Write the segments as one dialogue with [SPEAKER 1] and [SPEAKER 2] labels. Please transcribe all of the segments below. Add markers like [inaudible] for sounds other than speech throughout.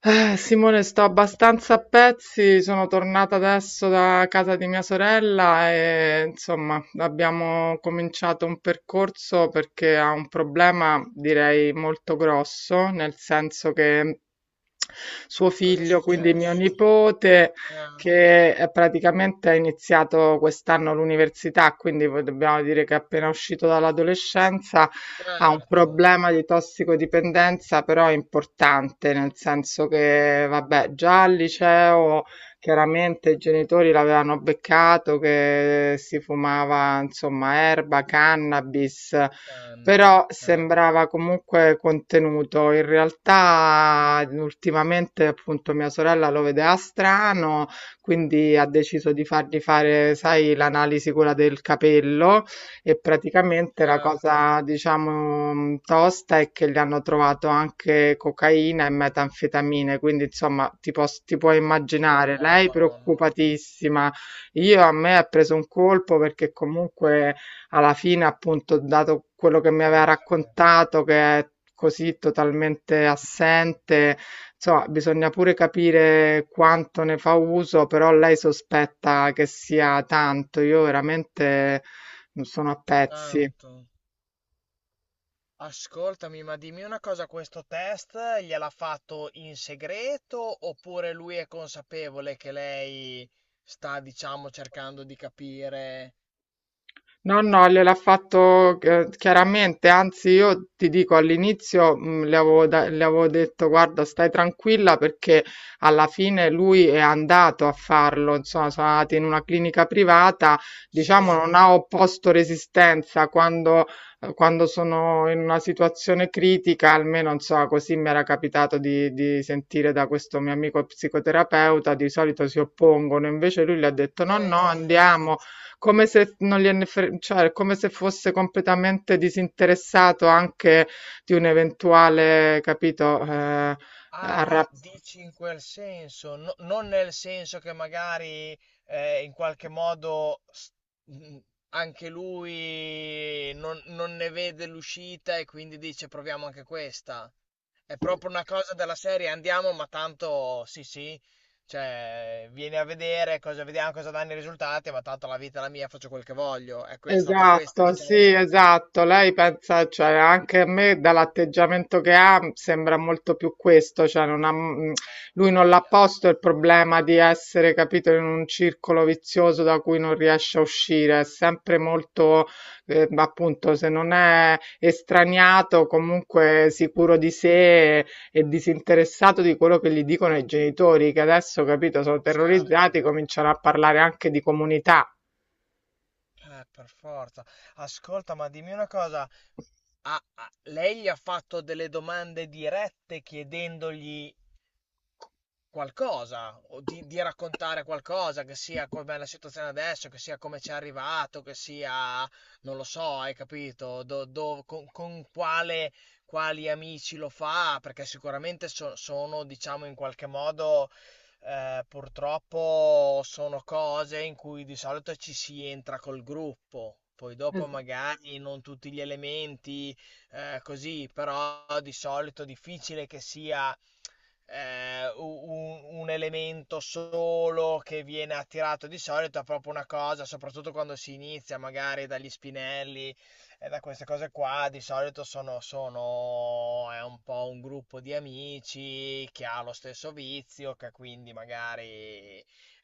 [SPEAKER 1] Simone, sto abbastanza a pezzi, sono tornata adesso da casa di mia sorella e insomma abbiamo cominciato un percorso perché ha un
[SPEAKER 2] Sì,
[SPEAKER 1] problema direi molto grosso, nel senso che suo
[SPEAKER 2] che cosa è
[SPEAKER 1] figlio, quindi mio
[SPEAKER 2] successo?
[SPEAKER 1] nipote,
[SPEAKER 2] Ah,
[SPEAKER 1] che praticamente ha iniziato quest'anno l'università, quindi dobbiamo dire che è appena uscito dall'adolescenza, ha un
[SPEAKER 2] certo,
[SPEAKER 1] problema di tossicodipendenza, però importante, nel senso che, vabbè, già al liceo chiaramente i genitori l'avevano beccato che si fumava, insomma, erba, cannabis.
[SPEAKER 2] che canne.
[SPEAKER 1] Però
[SPEAKER 2] Ah,
[SPEAKER 1] sembrava comunque contenuto. In realtà, ultimamente, appunto, mia sorella lo vedeva strano, quindi ha deciso di fargli fare, sai, l'analisi quella del capello, e praticamente la
[SPEAKER 2] certo.
[SPEAKER 1] cosa, diciamo, tosta è che gli hanno trovato anche cocaina e metanfetamine, quindi insomma ti puoi
[SPEAKER 2] Oh,
[SPEAKER 1] immaginare, lei
[SPEAKER 2] Madonna.
[SPEAKER 1] preoccupatissima. Io a me ha preso un colpo perché comunque alla fine, appunto, dato quello che mi
[SPEAKER 2] Beh,
[SPEAKER 1] aveva
[SPEAKER 2] non scherzo.
[SPEAKER 1] raccontato, che è così totalmente assente, insomma, bisogna pure capire quanto ne fa uso, però lei sospetta che sia tanto. Io veramente non sono a pezzi.
[SPEAKER 2] Tanto. Ascoltami, ma dimmi una cosa, questo test gliel'ha fatto in segreto oppure lui è consapevole che lei sta, diciamo, cercando di capire?
[SPEAKER 1] No, no, gliel'ha fatto, chiaramente, anzi io ti dico all'inizio, le avevo, le avevo detto guarda stai tranquilla perché alla fine lui è andato a farlo, insomma sono andati in una clinica privata, diciamo
[SPEAKER 2] Sì.
[SPEAKER 1] non ha opposto resistenza quando, quando sono in una situazione critica, almeno insomma così mi era capitato di sentire da questo mio amico psicoterapeuta, di solito si oppongono, invece lui le ha detto no, no,
[SPEAKER 2] Infatti.
[SPEAKER 1] andiamo, come se non cioè, come se fosse completamente disinteressato anche di un eventuale, capito,
[SPEAKER 2] Ah,
[SPEAKER 1] arra-
[SPEAKER 2] dici in quel senso, non nel senso che magari in qualche modo mh, anche lui non ne vede l'uscita e quindi dice proviamo anche questa. È proprio una cosa della serie, andiamo, ma tanto sì, sì, cioè vieni a vedere cosa vediamo, cosa danno i risultati, ma tanto la vita è la mia, faccio quel che voglio. È, è stata questa,
[SPEAKER 1] Esatto,
[SPEAKER 2] diciamo, la...
[SPEAKER 1] sì, esatto. Lei pensa, cioè, anche a me dall'atteggiamento che ha sembra molto più questo, cioè non ha, lui non l'ha
[SPEAKER 2] Aia,
[SPEAKER 1] posto il problema di essere, capito, in un circolo vizioso da cui non riesce a uscire, è sempre molto, appunto, se non è estraniato, comunque sicuro di sé, e disinteressato di quello che gli dicono i genitori, che adesso, capito, sono terrorizzati,
[SPEAKER 2] certo,
[SPEAKER 1] cominciano a parlare anche di comunità.
[SPEAKER 2] per forza. Ascolta, ma dimmi una cosa. Ah, lei gli ha fatto delle domande dirette chiedendogli qualcosa, o di raccontare qualcosa, che sia com'è la situazione adesso, che sia come ci è arrivato, che sia, non lo so, hai capito, con quale, quali amici lo fa, perché sicuramente sono, diciamo, in qualche modo, purtroppo sono cose in cui di solito ci si entra col gruppo. Poi dopo magari non tutti gli elementi, così, però di solito è difficile che sia, eh, u- un elemento solo che viene attirato di solito è proprio una cosa, soprattutto quando si inizia magari dagli spinelli e da queste cose qua, di solito sono è un po' un gruppo di amici che ha lo stesso vizio, che quindi magari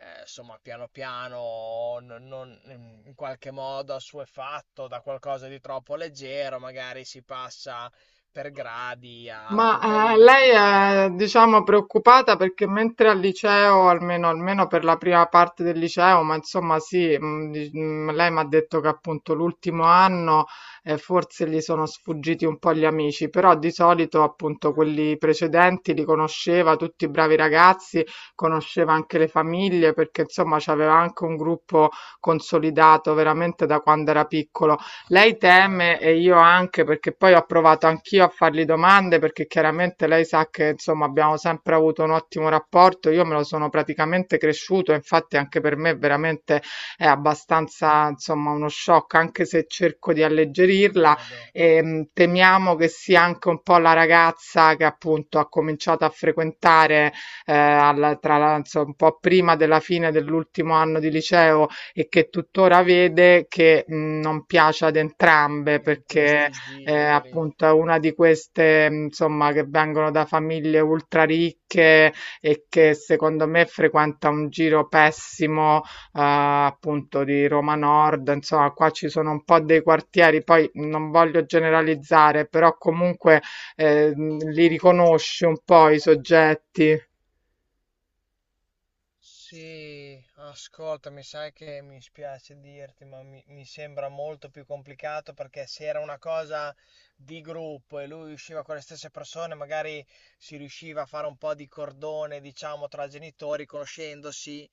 [SPEAKER 2] insomma piano piano in qualche modo assuefatto da qualcosa di troppo leggero, magari si passa per gradi alla
[SPEAKER 1] Ma, lei
[SPEAKER 2] cocaina.
[SPEAKER 1] è, diciamo, preoccupata perché mentre al liceo, almeno almeno per la prima parte del liceo, ma insomma sì, lei mi ha detto che appunto l'ultimo anno forse gli sono sfuggiti un po' gli amici, però di solito appunto
[SPEAKER 2] Eh,
[SPEAKER 1] quelli precedenti li conosceva, tutti i bravi ragazzi, conosceva anche le famiglie perché insomma c'aveva anche un gruppo consolidato veramente da quando era piccolo. Lei
[SPEAKER 2] certo,
[SPEAKER 1] teme e io anche, perché poi ho provato anch'io a fargli domande, perché chiaramente lei sa che insomma abbiamo sempre avuto un ottimo rapporto, io me lo sono praticamente cresciuto, infatti anche per me veramente è abbastanza insomma uno shock, anche se cerco di
[SPEAKER 2] ci
[SPEAKER 1] alleggerirla,
[SPEAKER 2] credo,
[SPEAKER 1] e temiamo che sia anche un po' la ragazza che appunto ha cominciato a frequentare tra l'altro un po' prima della fine dell'ultimo anno di liceo, e che tuttora vede, che non piace ad entrambe,
[SPEAKER 2] in
[SPEAKER 1] perché
[SPEAKER 2] questi giri.
[SPEAKER 1] appunto è una di queste, insomma che vengono da famiglie ultra ricche e che secondo me frequenta un giro pessimo, appunto di Roma Nord, insomma qua ci sono un po' dei quartieri, poi non voglio generalizzare, però comunque li riconosci un po' i soggetti.
[SPEAKER 2] Sì, ascolta, mi sai che mi spiace dirti, ma mi sembra molto più complicato perché se era una cosa di gruppo e lui usciva con le stesse persone, magari si riusciva a fare un po' di cordone, diciamo, tra genitori, conoscendosi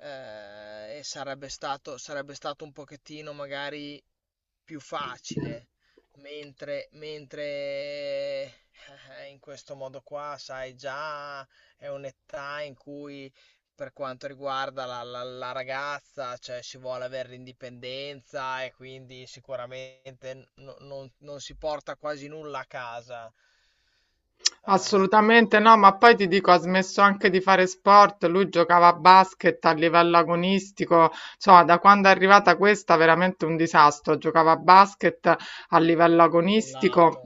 [SPEAKER 2] e sarebbe stato un pochettino magari più facile, mentre, in questo modo qua, sai, già è un'età in cui per quanto riguarda la ragazza, cioè si vuole avere l'indipendenza e quindi sicuramente non si porta quasi nulla a casa. Ah,
[SPEAKER 1] Assolutamente no, ma poi ti dico, ha smesso anche di fare sport, lui giocava a basket a livello agonistico, insomma, da quando è arrivata questa veramente un disastro, giocava a basket a livello agonistico.
[SPEAKER 2] mollato.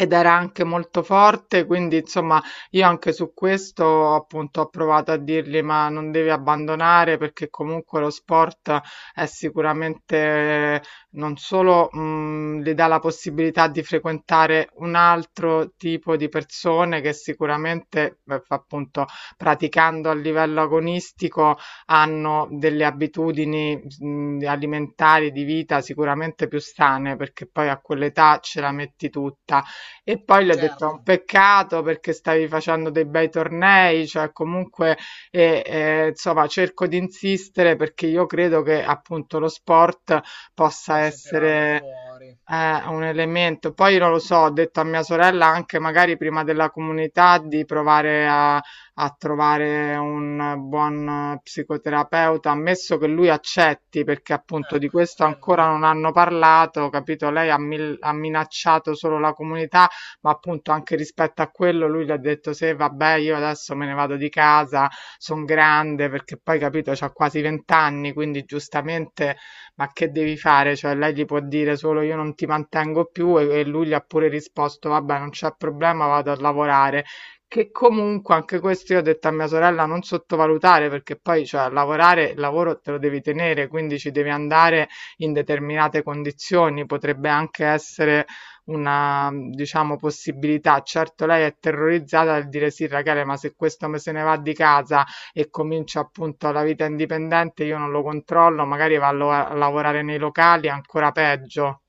[SPEAKER 1] Ed era anche molto forte, quindi insomma io anche su questo appunto ho provato a dirgli ma non devi abbandonare, perché comunque lo sport è sicuramente non solo, le dà la possibilità di frequentare un altro tipo di persone che sicuramente, beh, f appunto, praticando a livello agonistico hanno delle abitudini, alimentari, di vita sicuramente più sane, perché poi a quell'età ce la metti tutta. E poi le ho detto: "È un
[SPEAKER 2] Certo,
[SPEAKER 1] peccato perché stavi facendo dei bei tornei, cioè comunque", e, insomma cerco di insistere perché io credo che appunto lo sport possa
[SPEAKER 2] posso tirarlo
[SPEAKER 1] essere
[SPEAKER 2] fuori.
[SPEAKER 1] un elemento. Poi non lo so, ho detto a mia sorella anche magari prima della comunità di provare a, a trovare un buon psicoterapeuta, ammesso che lui accetti, perché appunto di
[SPEAKER 2] Ecco, è
[SPEAKER 1] questo ancora
[SPEAKER 2] quello.
[SPEAKER 1] non hanno parlato, capito? Lei ha, ha minacciato solo la comunità, ma appunto anche rispetto a quello lui le ha detto se vabbè io adesso me ne vado di casa, sono grande, perché poi capito, c'ha quasi 20 anni, quindi giustamente ma che devi fare? Cioè, lei gli può dire solo io non ti mantengo più, e lui gli ha pure risposto vabbè, non c'è problema, vado a lavorare. Che comunque anche questo io ho detto a mia sorella non sottovalutare perché poi, cioè, lavorare, il lavoro te lo devi tenere, quindi ci devi andare in determinate condizioni, potrebbe anche essere una, diciamo, possibilità. Certo, lei è terrorizzata dal dire sì, Rachele, ma se questo me se ne va di casa e comincia appunto la vita indipendente, io non lo controllo, magari va a lavorare nei locali, ancora peggio.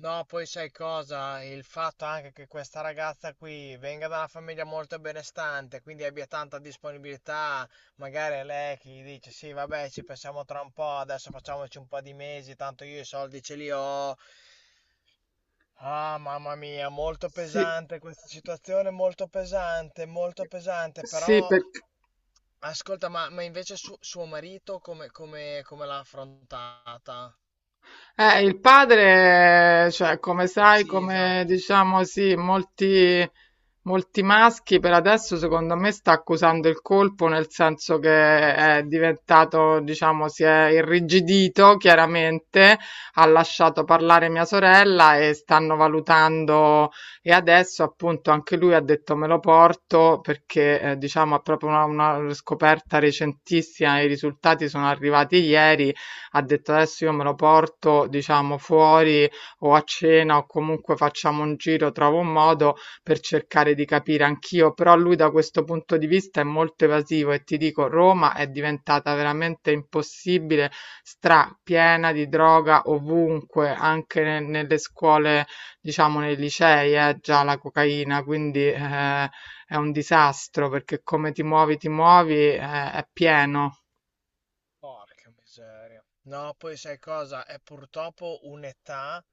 [SPEAKER 2] No, poi sai cosa? Il fatto anche che questa ragazza qui venga da una famiglia molto benestante, quindi abbia tanta disponibilità, magari è lei che gli dice sì, vabbè, ci pensiamo tra un po', adesso facciamoci un po' di mesi, tanto io i soldi ce li ho. Ah, mamma mia, molto
[SPEAKER 1] Sì,
[SPEAKER 2] pesante questa situazione, molto pesante,
[SPEAKER 1] sì,
[SPEAKER 2] però
[SPEAKER 1] perché,
[SPEAKER 2] ascolta, ma invece suo marito come l'ha affrontata?
[SPEAKER 1] Il padre, cioè, come sai,
[SPEAKER 2] Sì,
[SPEAKER 1] come
[SPEAKER 2] esatto,
[SPEAKER 1] diciamo, sì, molti, molti maschi per adesso, secondo me, sta accusando il colpo, nel senso che
[SPEAKER 2] e
[SPEAKER 1] è
[SPEAKER 2] basta.
[SPEAKER 1] diventato, diciamo, si è irrigidito, chiaramente, ha lasciato parlare mia sorella e stanno valutando, e adesso, appunto, anche lui ha detto me lo porto perché, diciamo, è proprio una scoperta recentissima, i risultati sono arrivati ieri, ha detto adesso io me lo porto, diciamo, fuori o a cena o comunque facciamo un giro, trovo un modo per cercare di capire anch'io, però lui da questo punto di vista è molto evasivo, e ti dico, Roma è diventata veramente impossibile, strapiena di droga ovunque, anche nelle scuole, diciamo, nei licei, è già la cocaina, quindi è un disastro perché come ti muovi, è pieno.
[SPEAKER 2] Porca miseria. No, poi sai cosa? È purtroppo un'età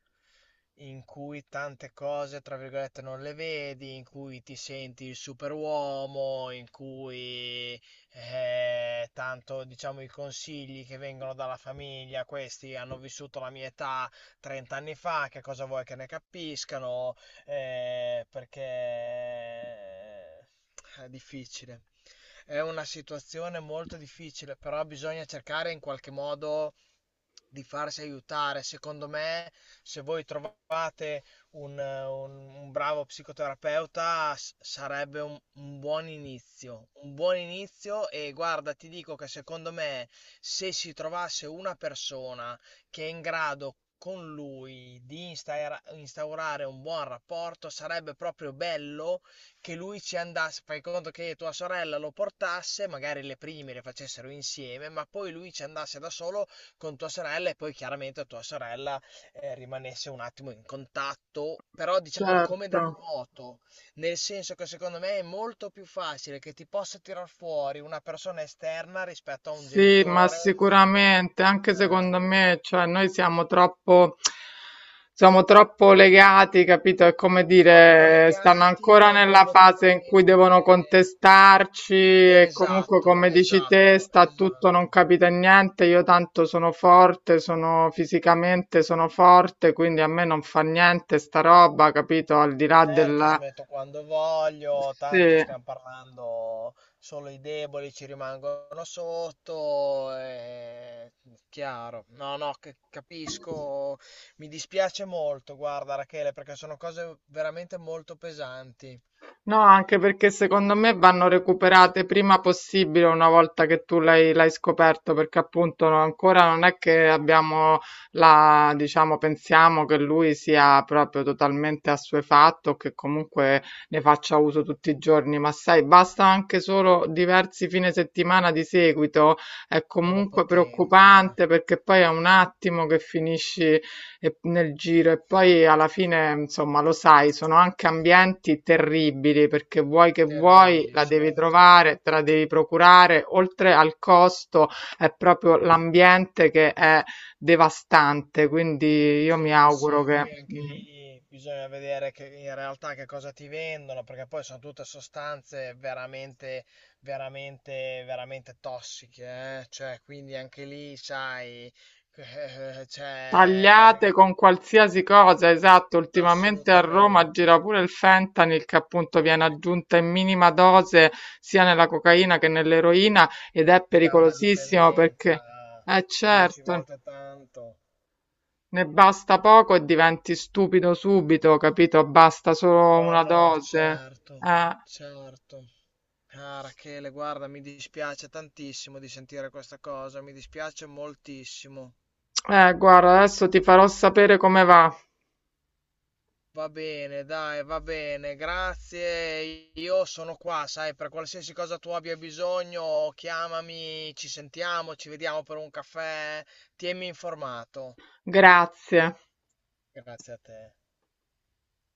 [SPEAKER 2] in cui tante cose, tra virgolette, non le vedi, in cui ti senti il superuomo, in cui tanto, diciamo, i consigli che vengono dalla famiglia, questi hanno vissuto la mia età 30 anni fa, che cosa vuoi che ne capiscano? Perché è difficile. È una situazione molto difficile, però bisogna cercare in qualche modo di farsi aiutare. Secondo me, se voi trovate un bravo psicoterapeuta, sarebbe un buon inizio. Un buon inizio e guarda, ti dico che secondo me, se si trovasse una persona che è in grado con lui di instaurare un buon rapporto, sarebbe proprio bello che lui ci andasse, fai conto che tua sorella lo portasse, magari le prime le facessero insieme, ma poi lui ci andasse da solo con tua sorella e poi chiaramente tua sorella rimanesse un attimo in contatto, però diciamo come
[SPEAKER 1] Certo.
[SPEAKER 2] da remoto, nel senso che secondo me è molto più facile che ti possa tirar fuori una persona esterna rispetto a un
[SPEAKER 1] Sì, ma
[SPEAKER 2] genitore
[SPEAKER 1] sicuramente, anche
[SPEAKER 2] eh,
[SPEAKER 1] secondo me, cioè noi siamo troppo legati, capito? È come
[SPEAKER 2] troppo
[SPEAKER 1] dire, stanno
[SPEAKER 2] legati,
[SPEAKER 1] ancora
[SPEAKER 2] troppo
[SPEAKER 1] nella fase in cui devono
[SPEAKER 2] emotivamente.
[SPEAKER 1] contestarci e comunque,
[SPEAKER 2] Esatto,
[SPEAKER 1] come dici te,
[SPEAKER 2] esatto,
[SPEAKER 1] sta tutto, non
[SPEAKER 2] esatto.
[SPEAKER 1] capita niente. Io tanto sono forte, sono fisicamente, sono forte, quindi a me non fa niente sta roba, capito? Al di là
[SPEAKER 2] Certo,
[SPEAKER 1] del...
[SPEAKER 2] smetto quando voglio, tanto
[SPEAKER 1] Sì.
[SPEAKER 2] stiamo parlando solo i deboli ci rimangono sotto, è chiaro. No, no, che- capisco, mi dispiace molto, guarda Rachele, perché sono cose veramente molto pesanti,
[SPEAKER 1] No, anche perché secondo me vanno recuperate prima possibile una volta che tu l'hai scoperto, perché appunto ancora non è che abbiamo la, diciamo, pensiamo che lui sia proprio totalmente assuefatto, che comunque ne faccia uso tutti i giorni, ma sai, basta anche solo diversi fine settimana di seguito, è
[SPEAKER 2] sono
[SPEAKER 1] comunque
[SPEAKER 2] potenti, eh.
[SPEAKER 1] preoccupante perché poi è un attimo che finisci e nel giro, e poi alla fine, insomma, lo sai, sono anche ambienti terribili perché vuoi che vuoi,
[SPEAKER 2] Terribili,
[SPEAKER 1] la devi
[SPEAKER 2] certo.
[SPEAKER 1] trovare, te la devi procurare, oltre al costo è proprio l'ambiente che è devastante, quindi io
[SPEAKER 2] Sì,
[SPEAKER 1] mi auguro
[SPEAKER 2] sì,
[SPEAKER 1] che...
[SPEAKER 2] poi anche lì bisogna vedere che in realtà che cosa ti vendono, perché poi sono tutte sostanze veramente tossiche, eh. Cioè, quindi anche lì, sai, [laughs] cioè,
[SPEAKER 1] Tagliate con qualsiasi cosa, esatto, ultimamente a Roma
[SPEAKER 2] assolutamente,
[SPEAKER 1] gira pure il fentanyl che appunto viene
[SPEAKER 2] ecco,
[SPEAKER 1] aggiunta in minima dose sia nella cocaina che nell'eroina ed è
[SPEAKER 2] che dà una
[SPEAKER 1] pericolosissimo perché,
[SPEAKER 2] dipendenza dieci
[SPEAKER 1] certo,
[SPEAKER 2] volte tanto.
[SPEAKER 1] ne basta poco e diventi stupido subito, capito? Basta solo
[SPEAKER 2] No,
[SPEAKER 1] una
[SPEAKER 2] no,
[SPEAKER 1] dose.
[SPEAKER 2] certo,
[SPEAKER 1] Eh,
[SPEAKER 2] certo. Ah, Rachele, guarda, mi dispiace tantissimo di sentire questa cosa, mi dispiace moltissimo.
[SPEAKER 1] guarda, adesso ti farò sapere come va.
[SPEAKER 2] Va bene, dai, va bene, grazie. Io sono qua, sai, per qualsiasi cosa tu abbia bisogno, chiamami, ci sentiamo, ci vediamo per un caffè, tienimi informato.
[SPEAKER 1] Grazie.
[SPEAKER 2] Grazie a te.